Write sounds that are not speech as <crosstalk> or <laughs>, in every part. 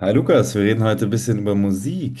Hi Lukas, wir reden heute ein bisschen über Musik.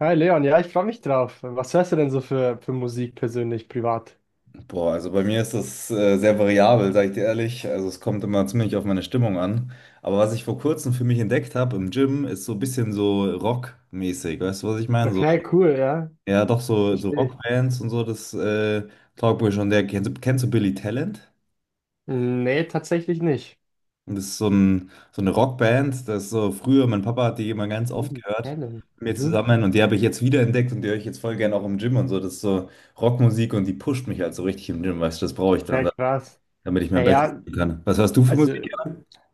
Hi Leon, ja, ich freue mich drauf. Was hörst du denn so für Musik persönlich, privat? Boah, also bei mir ist das sehr variabel, sage ich dir ehrlich. Also es kommt immer ziemlich auf meine Stimmung an. Aber was ich vor kurzem für mich entdeckt habe im Gym, ist so ein bisschen so Rock-mäßig. Weißt du, was ich meine? So, Okay, cool, ja, ja, doch so verstehe ich. Rockbands und so, das taugt mir schon. Der, kennst du Billy Talent? Nee, tatsächlich nicht. Und das ist so eine Rockband, das ist so früher, mein Papa hat die immer ganz oft Neben gehört Talent. mit mir Mhm. zusammen und die habe ich jetzt wiederentdeckt und die höre ich jetzt voll gerne auch im Gym und so. Das ist so Rockmusik und die pusht mich halt so richtig im Gym, weißt du, das brauche ich dann, Ja, krass. damit ich mein Bestes Naja, tun kann. Was hörst du für also Musik?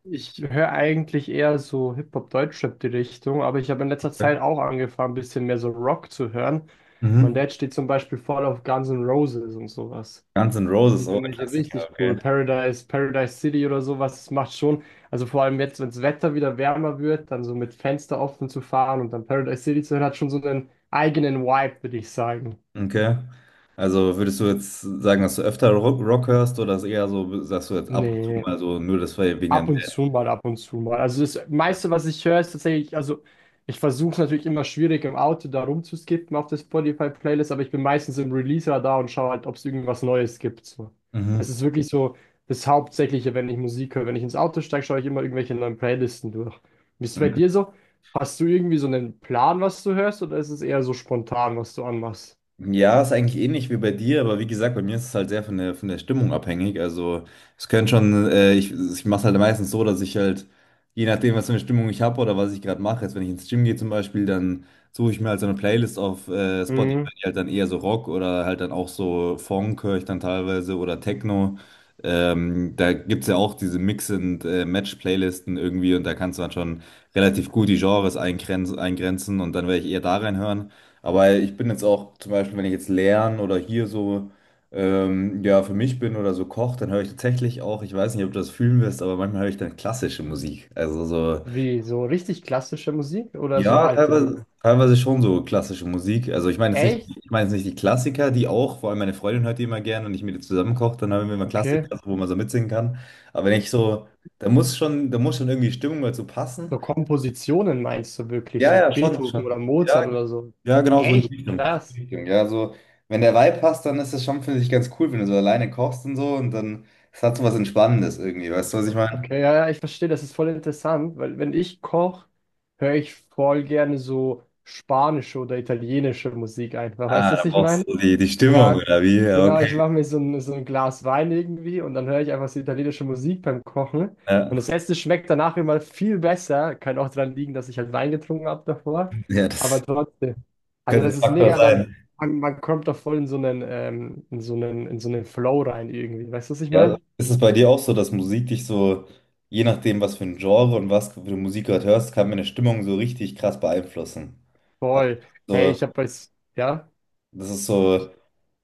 ich höre eigentlich eher so Hip-Hop, Deutschrap die Richtung, aber ich habe in letzter Okay. Zeit auch angefangen, ein bisschen mehr so Rock zu hören. Mein Mhm. Dad steht zum Beispiel voll auf Guns N' Roses und sowas. Guns N' Roses, Die oh, ein finde ich Klassiker, richtig cool. okay. Paradise City oder sowas, das macht schon. Also vor allem jetzt, wenn das Wetter wieder wärmer wird, dann so mit Fenster offen zu fahren und dann Paradise City zu hören, hat schon so einen eigenen Vibe, würde ich sagen. Okay. Also würdest du jetzt sagen, dass du öfter Rock, Rock hörst oder ist eher so, sagst du jetzt ab und zu Nee. mal so, nur das war ja wegen deinem Ab und Dad? zu mal, ab und zu mal. Also das meiste, was ich höre, ist tatsächlich, also ich versuche natürlich immer schwierig im Auto da rumzuskippen auf der Spotify-Playlist, aber ich bin meistens im Release-Radar und schaue halt, ob es irgendwas Neues gibt. So. Das Mhm. ist wirklich so das Hauptsächliche, wenn ich Musik höre. Wenn ich ins Auto steige, schaue ich immer irgendwelche neuen Playlisten durch. Wie ist es bei Okay. dir so? Hast du irgendwie so einen Plan, was du hörst, oder ist es eher so spontan, was du anmachst? Ja, ist eigentlich ähnlich wie bei dir, aber wie gesagt, bei mir ist es halt sehr von der Stimmung abhängig. Also es können schon, ich mache es halt meistens so, dass ich halt, je nachdem, was für eine Stimmung ich habe oder was ich gerade mache, jetzt wenn ich ins Gym gehe zum Beispiel, dann suche ich mir halt so eine Playlist auf Spotify, Mhm. die halt dann eher so Rock oder halt dann auch so Funk höre ich dann teilweise oder Techno. Da gibt's ja auch diese Mix- und Match-Playlisten irgendwie und da kannst du dann schon relativ gut die Genres eingrenzen und dann werde ich eher da reinhören. Aber ich bin jetzt auch zum Beispiel, wenn ich jetzt lerne oder hier so ja, für mich bin oder so koche, dann höre ich tatsächlich auch, ich weiß nicht, ob du das fühlen wirst, aber manchmal höre ich dann klassische Musik. Also so, Wie, so richtig klassische Musik oder so ja, alte teilweise, Lieder? teilweise schon so klassische Musik. Also ich meine jetzt nicht, Echt? ich meine jetzt nicht die Klassiker, die auch, vor allem meine Freundin hört die immer gern und ich mit ihr zusammen koche, dann haben wir immer Okay. Klassiker, wo man so mitsingen kann. Aber wenn ich so, da muss schon irgendwie Stimmung dazu So passen. Kompositionen meinst du wirklich, Ja, so ja, schon, Beethoven oder schon. Ja, Mozart oder so? ja, genau so in Echt die Richtung. So in krass. die Richtung. Ja, so, wenn der Vibe passt, dann ist das schon, finde ich, ganz cool, wenn du so alleine kochst und so und dann, es hat so was Entspannendes irgendwie, weißt du, was ich meine? Okay, ja, ja, ich verstehe, das ist voll interessant, weil wenn ich koche, höre ich voll gerne so spanische oder italienische Musik einfach. Weißt Ah, du, da was ich brauchst meine? du die Stimmung Ja, oder wie? Ja, genau, ich okay. mache mir so ein Glas Wein irgendwie und dann höre ich einfach so italienische Musik beim Kochen. Und das Ja, Essen schmeckt danach immer viel besser. Kann auch daran liegen, dass ich halt Wein getrunken habe davor. ja, Aber das trotzdem. Also könnte ein das ist Faktor mega sein. dann, man kommt da voll in so einen, in so einen, in so einen Flow rein irgendwie. Weißt du, was ich Ja, meine? ist es bei dir auch so, dass Musik dich so, je nachdem, was für ein Genre und was für Musik du gerade hörst, kann mir eine Stimmung so richtig krass beeinflussen? Also, Voll. Hey, so, ich habe jetzt, ja. das ist so,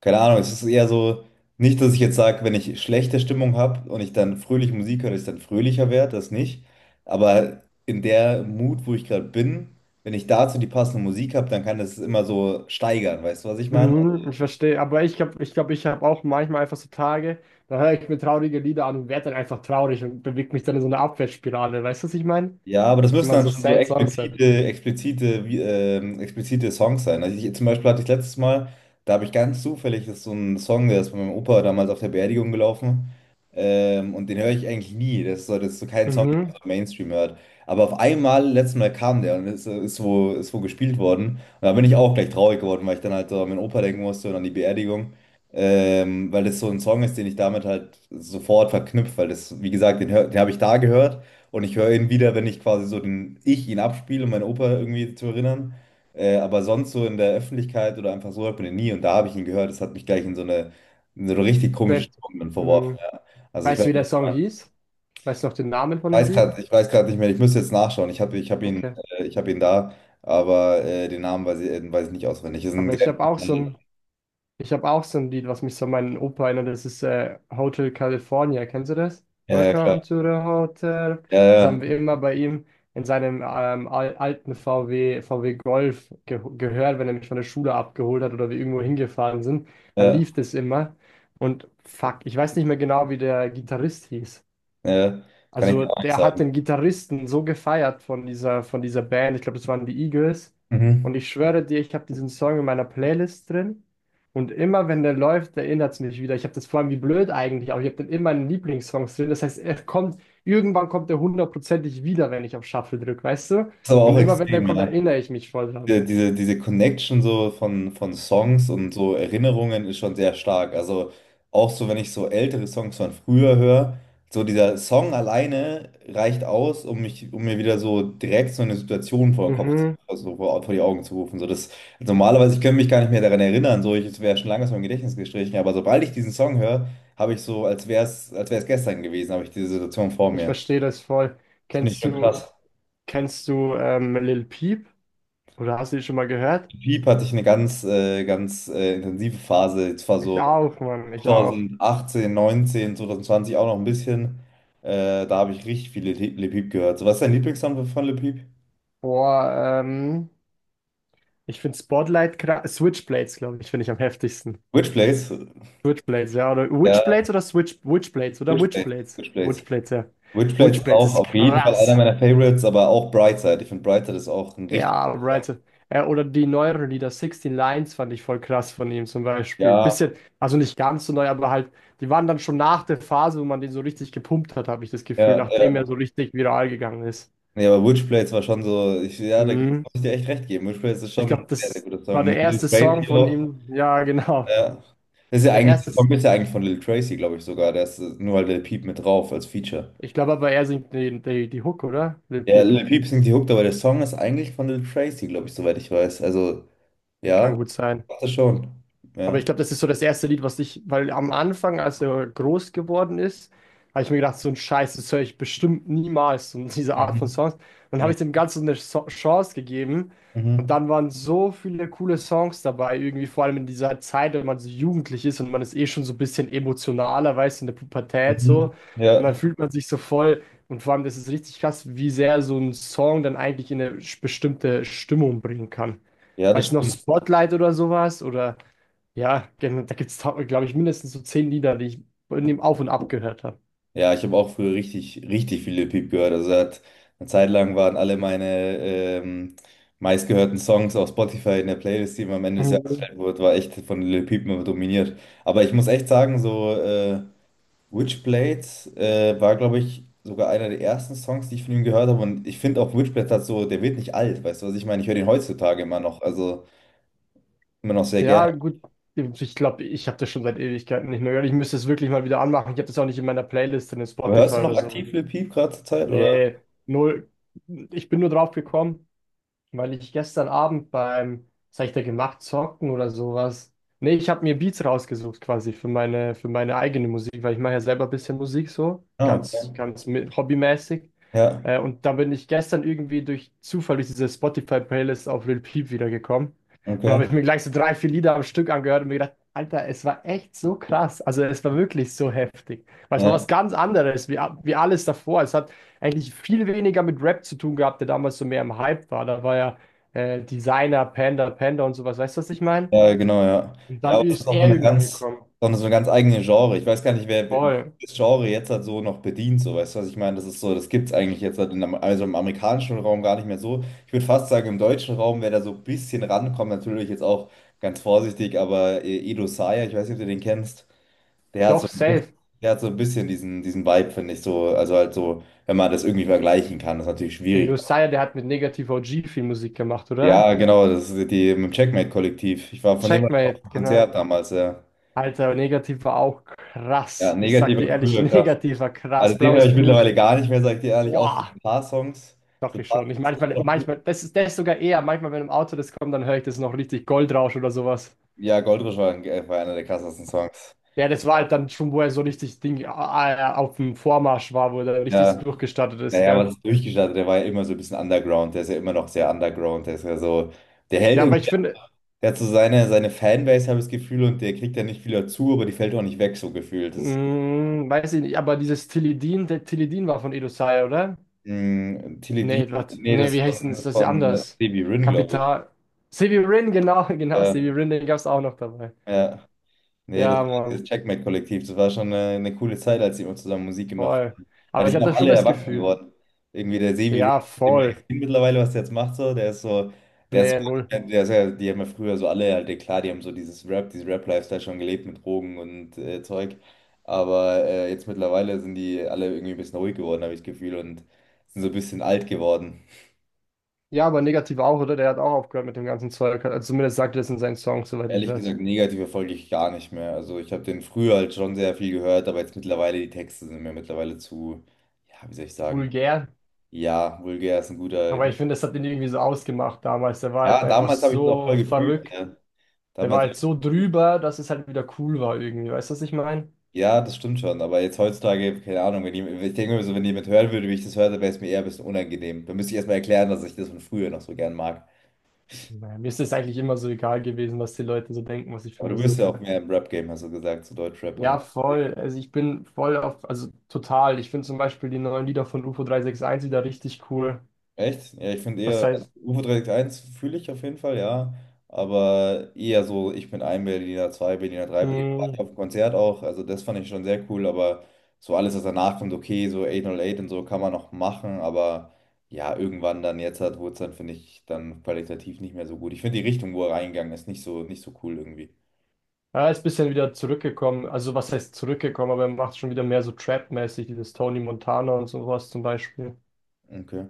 keine Ahnung, es ist eher so, nicht, dass ich jetzt sage, wenn ich schlechte Stimmung habe und ich dann fröhlich Musik höre, dass ich dann fröhlicher werde, das nicht. Aber in der Mut, wo ich gerade bin, wenn ich dazu die passende Musik habe, dann kann das immer so steigern, weißt du, was ich meine? Mhm, ich verstehe, aber ich glaube, ich habe auch manchmal einfach so Tage, da höre ich mir traurige Lieder an und werde dann einfach traurig und bewege mich dann in so eine Abwärtsspirale. Weißt du, was ich meine? Ja, aber das Wenn müssen man dann so schon so sad Songs hat. explizite Songs sein. Also ich, zum Beispiel hatte ich letztes Mal, da habe ich ganz zufällig, das ist so ein Song, der ist von meinem Opa damals auf der Beerdigung gelaufen. Und den höre ich eigentlich nie. Das ist so kein Song, den man Mhm. so im Mainstream hört. Aber auf einmal, letztes Mal kam der und ist wo gespielt worden. Und da bin ich auch gleich traurig geworden, weil ich dann halt so an meinen Opa denken musste und an die Beerdigung. Weil das so ein Song ist, den ich damit halt sofort verknüpft, weil das, wie gesagt, den habe ich da gehört. Und ich höre ihn wieder, wenn ich quasi so den ich ihn abspiele, um meinen Opa irgendwie zu erinnern. Aber sonst so in der Öffentlichkeit oder einfach so hört man ihn nie. Und da habe ich ihn gehört. Das hat mich gleich in so eine richtig komische Sad. Stimmung dann verworfen. Mhm. Ja. Also ich Weißt weiß, du, wie ich der Song hieß? Weißt du noch den Namen von dem weiß Lied? gerade, ich weiß gerade nicht mehr. Ich müsste jetzt nachschauen. Okay. Ich habe ihn da, aber den Namen weiß ich nicht auswendig. Ist ein Aber sehr, ich habe auch so ein Ich habe auch so ein Lied, was mich so an meinen Opa erinnert. Das ist Hotel California. Kennst du das? ja, ja, klar. Welcome to the Hotel. Ja, Das haben ja, wir immer bei ihm in seinem alten VW Golf ge gehört, wenn er mich von der Schule abgeholt hat oder wir irgendwo hingefahren sind. Da ja, lief das immer. Und fuck, ich weiß nicht mehr genau, wie der Gitarrist hieß. ja. Kann ich Also dir auch nicht der hat sagen. den Gitarristen so gefeiert von dieser Band. Ich glaube, das waren die Eagles. Und Mhm. ich schwöre dir, ich habe diesen Song in meiner Playlist drin. Und immer wenn der läuft, erinnert es mich wieder. Ich habe das vor allem wie blöd eigentlich, aber ich habe den in meinen Lieblingssongs drin. Das heißt, er kommt, irgendwann kommt er hundertprozentig wieder, wenn ich auf Shuffle drücke, weißt du? Ist aber auch Und immer wenn der extrem, kommt, ja. erinnere ich mich voll dran. Diese Connection so von Songs und so Erinnerungen ist schon sehr stark. Also auch so, wenn ich so ältere Songs von früher höre, so dieser Song alleine reicht aus, um mich, um mir wieder so direkt so eine Situation vor den Kopf zu, Mhm, also vor die Augen zu rufen. So das, also normalerweise, ich könnte mich gar nicht mehr daran erinnern, so ich, es wäre schon lange aus meinem Gedächtnis gestrichen, aber sobald ich diesen Song höre, habe ich so, als wäre es gestern gewesen, habe ich diese Situation vor ich mir. verstehe das voll. Das finde ich Kennst schon du, krass. kennst du Lil Peep? Oder hast du die schon mal gehört? Piep hatte ich eine ganz intensive Phase. Es war Ich so auch, Mann, ich auch. 2018, 19, 2020 auch noch ein bisschen. Da habe ich richtig viele Le Peep gehört. So, was ist dein Lieblingssong von Le Peep? Boah, ich finde Switchblades, glaube ich, finde ich am heftigsten. Which Place? Switchblades, ja. Oder Ja, Witchblades oder Switch Witchblades oder Which Place? Witchblades. Which Place? Witchblades, ja. Which Place ist Witchblades auch ist auf jeden Fall einer krass. meiner Favorites, aber auch Brightside. Ich finde Brightside ist auch ein richtig Ja, guter Song. right. Oder die neueren Lieder, 16 Lines fand ich voll krass von ihm zum Beispiel. Ja, Also nicht ganz so neu, aber halt, die waren dann schon nach der Phase, wo man den so richtig gepumpt hat, habe ich das Gefühl, ja, ja. nachdem er so richtig viral gegangen ist. Nee, aber Which Place war schon so, ich, ja, da muss Mhm. ich dir echt recht geben. Which Place ist Ich schon ein glaube, sehr, sehr das guter war Song. der Mit Lil erste Song Tracy von auch. ihm. Ja, <laughs> genau. Ja. Das ist ja Der eigentlich, erste der Song ist ja eigentlich von Lil Tracy, glaube ich sogar. Der ist nur halt Lil Peep mit drauf als Feature. Ich glaube aber, er singt die Hook, oder? Lil Ja, Peep. Lil Peep singt die Hook, aber der Song ist eigentlich von Lil Tracy, glaube ich, soweit ich weiß. Also, ja, Kann gut sein. macht er schon. Aber ich Ja. glaube, das ist so das erste Lied, was ich, weil am Anfang, als er groß geworden ist, habe ich mir gedacht, so ein Scheiß, das höre ich bestimmt niemals, so diese Art von Mhm. Songs. Dann habe ich dem Mhm. Ganzen eine Chance gegeben und Mhm. dann waren so viele coole Songs dabei, irgendwie vor allem in dieser Zeit, wenn man so jugendlich ist und man ist eh schon so ein bisschen emotionaler, weißt du, in der Pubertät so. Mhm. Und dann Ja. fühlt man sich so voll und vor allem, das ist richtig krass, wie sehr so ein Song dann eigentlich in eine bestimmte Stimmung bringen kann. Ja, das Weißt du noch, stimmt. Spotlight oder sowas oder... Ja, genau, da gibt es, glaube ich, mindestens so zehn Lieder, die ich in dem Auf und Ab gehört habe. Ja, ich habe auch früher richtig, richtig viel Lil Peep gehört. Also, eine Zeit lang waren alle meine meistgehörten Songs auf Spotify in der Playlist, die immer am Ende des Jahres Mhm. gestellt wurde, war echt von Lil Peep immer dominiert. Aber ich muss echt sagen, so. Witchblade war, glaube ich, sogar einer der ersten Songs, die ich von ihm gehört habe. Und ich finde auch Witchblade hat so, der wird nicht alt, weißt du, was ich meine? Ich höre den heutzutage immer noch, also immer noch sehr gerne. Ja, gut. Ich glaube, ich habe das schon seit Ewigkeiten nicht mehr gehört. Ich müsste es wirklich mal wieder anmachen. Ich habe das auch nicht in meiner Playlist in Aber Spotify hörst du noch oder so. aktiv Lil Peep gerade zur Zeit? Oder? Nee, null. Ich bin nur drauf gekommen, weil ich gestern Abend beim, was hab ich da gemacht, zocken oder sowas. Nee, ich habe mir Beats rausgesucht quasi für meine eigene Musik, weil ich mache ja selber ein bisschen Musik so, Ah, okay. ganz, ganz mit, hobbymäßig. Ja, Und da bin ich gestern irgendwie durch Zufall durch diese Spotify-Playlist auf Lil Peep wiedergekommen. Und da okay. habe ich mir gleich so drei, vier Lieder am Stück angehört und mir gedacht, Alter, es war echt so krass. Also es war wirklich so heftig. Weil es war Ja. was ganz anderes, wie, wie alles davor. Es hat eigentlich viel weniger mit Rap zu tun gehabt, der damals so mehr im Hype war. Da war ja Designer, Panda und sowas. Weißt du, was ich meine? Ja, genau, ja. Und Ja, dann aber es ist ist auch so er eine irgendwann ganz, gekommen. so eine, so eine ganz eigene Genre. Ich weiß gar nicht, wer Voll. das Genre jetzt halt so noch bedient, so, weißt du, was ich meine? Das ist so, das gibt es eigentlich jetzt halt also im amerikanischen Raum gar nicht mehr so. Ich würde fast sagen, im deutschen Raum, wer da so ein bisschen rankommt, natürlich jetzt auch ganz vorsichtig, aber Edo Sayer, ich weiß nicht, ob du den kennst, der hat so Doch, ein bisschen, safe. der hat so ein bisschen diesen Vibe, finde ich, so, also halt so, wenn man das irgendwie vergleichen kann, das ist natürlich Ey, schwierig. Josiah, der hat mit Negativ OG viel Musik gemacht, oder? Ja, genau, das ist die mit dem Checkmate-Kollektiv. Ich war von dem war ich auf Checkmate, dem genau. Konzert damals, ja. Alter, Negativ war auch Ja, krass. Ich sag dir negative ehrlich, <laughs> früher, krass. Negativ war krass. Also den höre Blaues ich Blut. mittlerweile gar nicht mehr, sag ich dir ehrlich, außer so Boah. ein paar Songs. So Doch, ein ich paar schon. Ich Songs sind schon manchmal, noch gut. manchmal, das ist das sogar eher. Manchmal, wenn im Auto das kommt, dann höre ich das noch richtig Goldrausch oder sowas. Ja, Goldrush war einer der krassesten Songs. Ja, das war halt dann schon, wo er so richtig Ding auf dem Vormarsch war, wo er da richtig so Ja, durchgestartet ist, naja, gell? was ist durchgestartet? Der war ja immer so ein bisschen underground, der ist ja immer noch sehr underground, der ist ja so, der hält Ja, aber irgendwie, ich finde, der hat so seine Fanbase, habe ich das Gefühl, und der kriegt ja nicht viel dazu, aber die fällt auch nicht weg, so gefühlt. Das, mh, weiß ich nicht, aber dieses Tilidin, der Tilidin war von Edosai, oder? Tilly D, nee, das Nee, ist wie heißt denn das? von, Das ist ja von anders. Stevie Rin, glaube ich. Kapital. Severin, genau, <laughs> genau, Ja, Severin, den gab's auch noch dabei. ja. Nee, das, Ja, dieses Mann, Checkmate-Kollektiv, das war schon eine coole Zeit, als die immer zusammen Musik gemacht voll. haben. Ja, Aber die ich sind auch hatte schon alle das erwachsen Gefühl. geworden. Irgendwie der Sevi Rivers, Ja, den man voll. gesehen mittlerweile, was der jetzt macht, so, der ist so, Nee, null. Der ist ja, die haben ja früher so alle, halt, ja klar, die haben so dieses Rap, dieses Rap-Lifestyle schon gelebt mit Drogen und Zeug. Aber jetzt mittlerweile sind die alle irgendwie ein bisschen ruhig geworden, habe ich das Gefühl, und sind so ein bisschen alt geworden. Ja, aber negativ auch, oder? Der hat auch aufgehört mit dem ganzen Zeug. Also zumindest sagt er das in seinen Songs, soweit ich Ehrlich weiß. gesagt, negativ folge ich gar nicht mehr. Also ich habe den früher halt schon sehr viel gehört, aber jetzt mittlerweile, die Texte sind mir mittlerweile zu, ja, wie soll ich sagen? Vulgär. Ja, vulgär ist ein guter. Aber ich finde, das hat ihn irgendwie so ausgemacht damals. Der war halt Ja, einfach damals habe ich das auch voll so gefühlt, verrückt. ja. Der war Damals, halt so drüber, dass es halt wieder cool war irgendwie. Weißt du, was ich meine? ja, das stimmt schon. Aber jetzt heutzutage, keine Ahnung, wenn jemand, ich denke mir so, wenn jemand hören würde, wie ich das höre, dann wäre es mir eher ein bisschen unangenehm. Dann müsste ich erstmal erklären, dass ich das von früher noch so gern mag. Naja, mir ist es eigentlich immer so egal gewesen, was die Leute so denken, was ich für Aber du bist Musik ja auch höre. mehr im Rap-Game, hast du gesagt, zu Deutschrap und so. Ja, voll. Also ich bin voll auf, also total. Ich finde zum Beispiel die neuen Lieder von UFO 361 wieder richtig cool. Echt? Ja, ich finde Was eher, also heißt, UFO361 fühle ich auf jeden Fall, ja. Aber eher so, ich bin ein Berliner, zwei Berliner, drei Berliner. War ich hm, auf dem Konzert auch, also das fand ich schon sehr cool, aber so alles, was danach kommt, okay, so 808 und so kann man noch machen, aber ja, irgendwann dann jetzt hat wurde es dann, finde ich, dann qualitativ nicht mehr so gut. Ich finde die Richtung, wo er reingegangen ist, nicht so, nicht so cool irgendwie. er ist ein bisschen wieder zurückgekommen. Also was heißt zurückgekommen, aber er macht schon wieder mehr so Trap-mäßig, dieses Tony Montana und sowas zum Beispiel. Okay.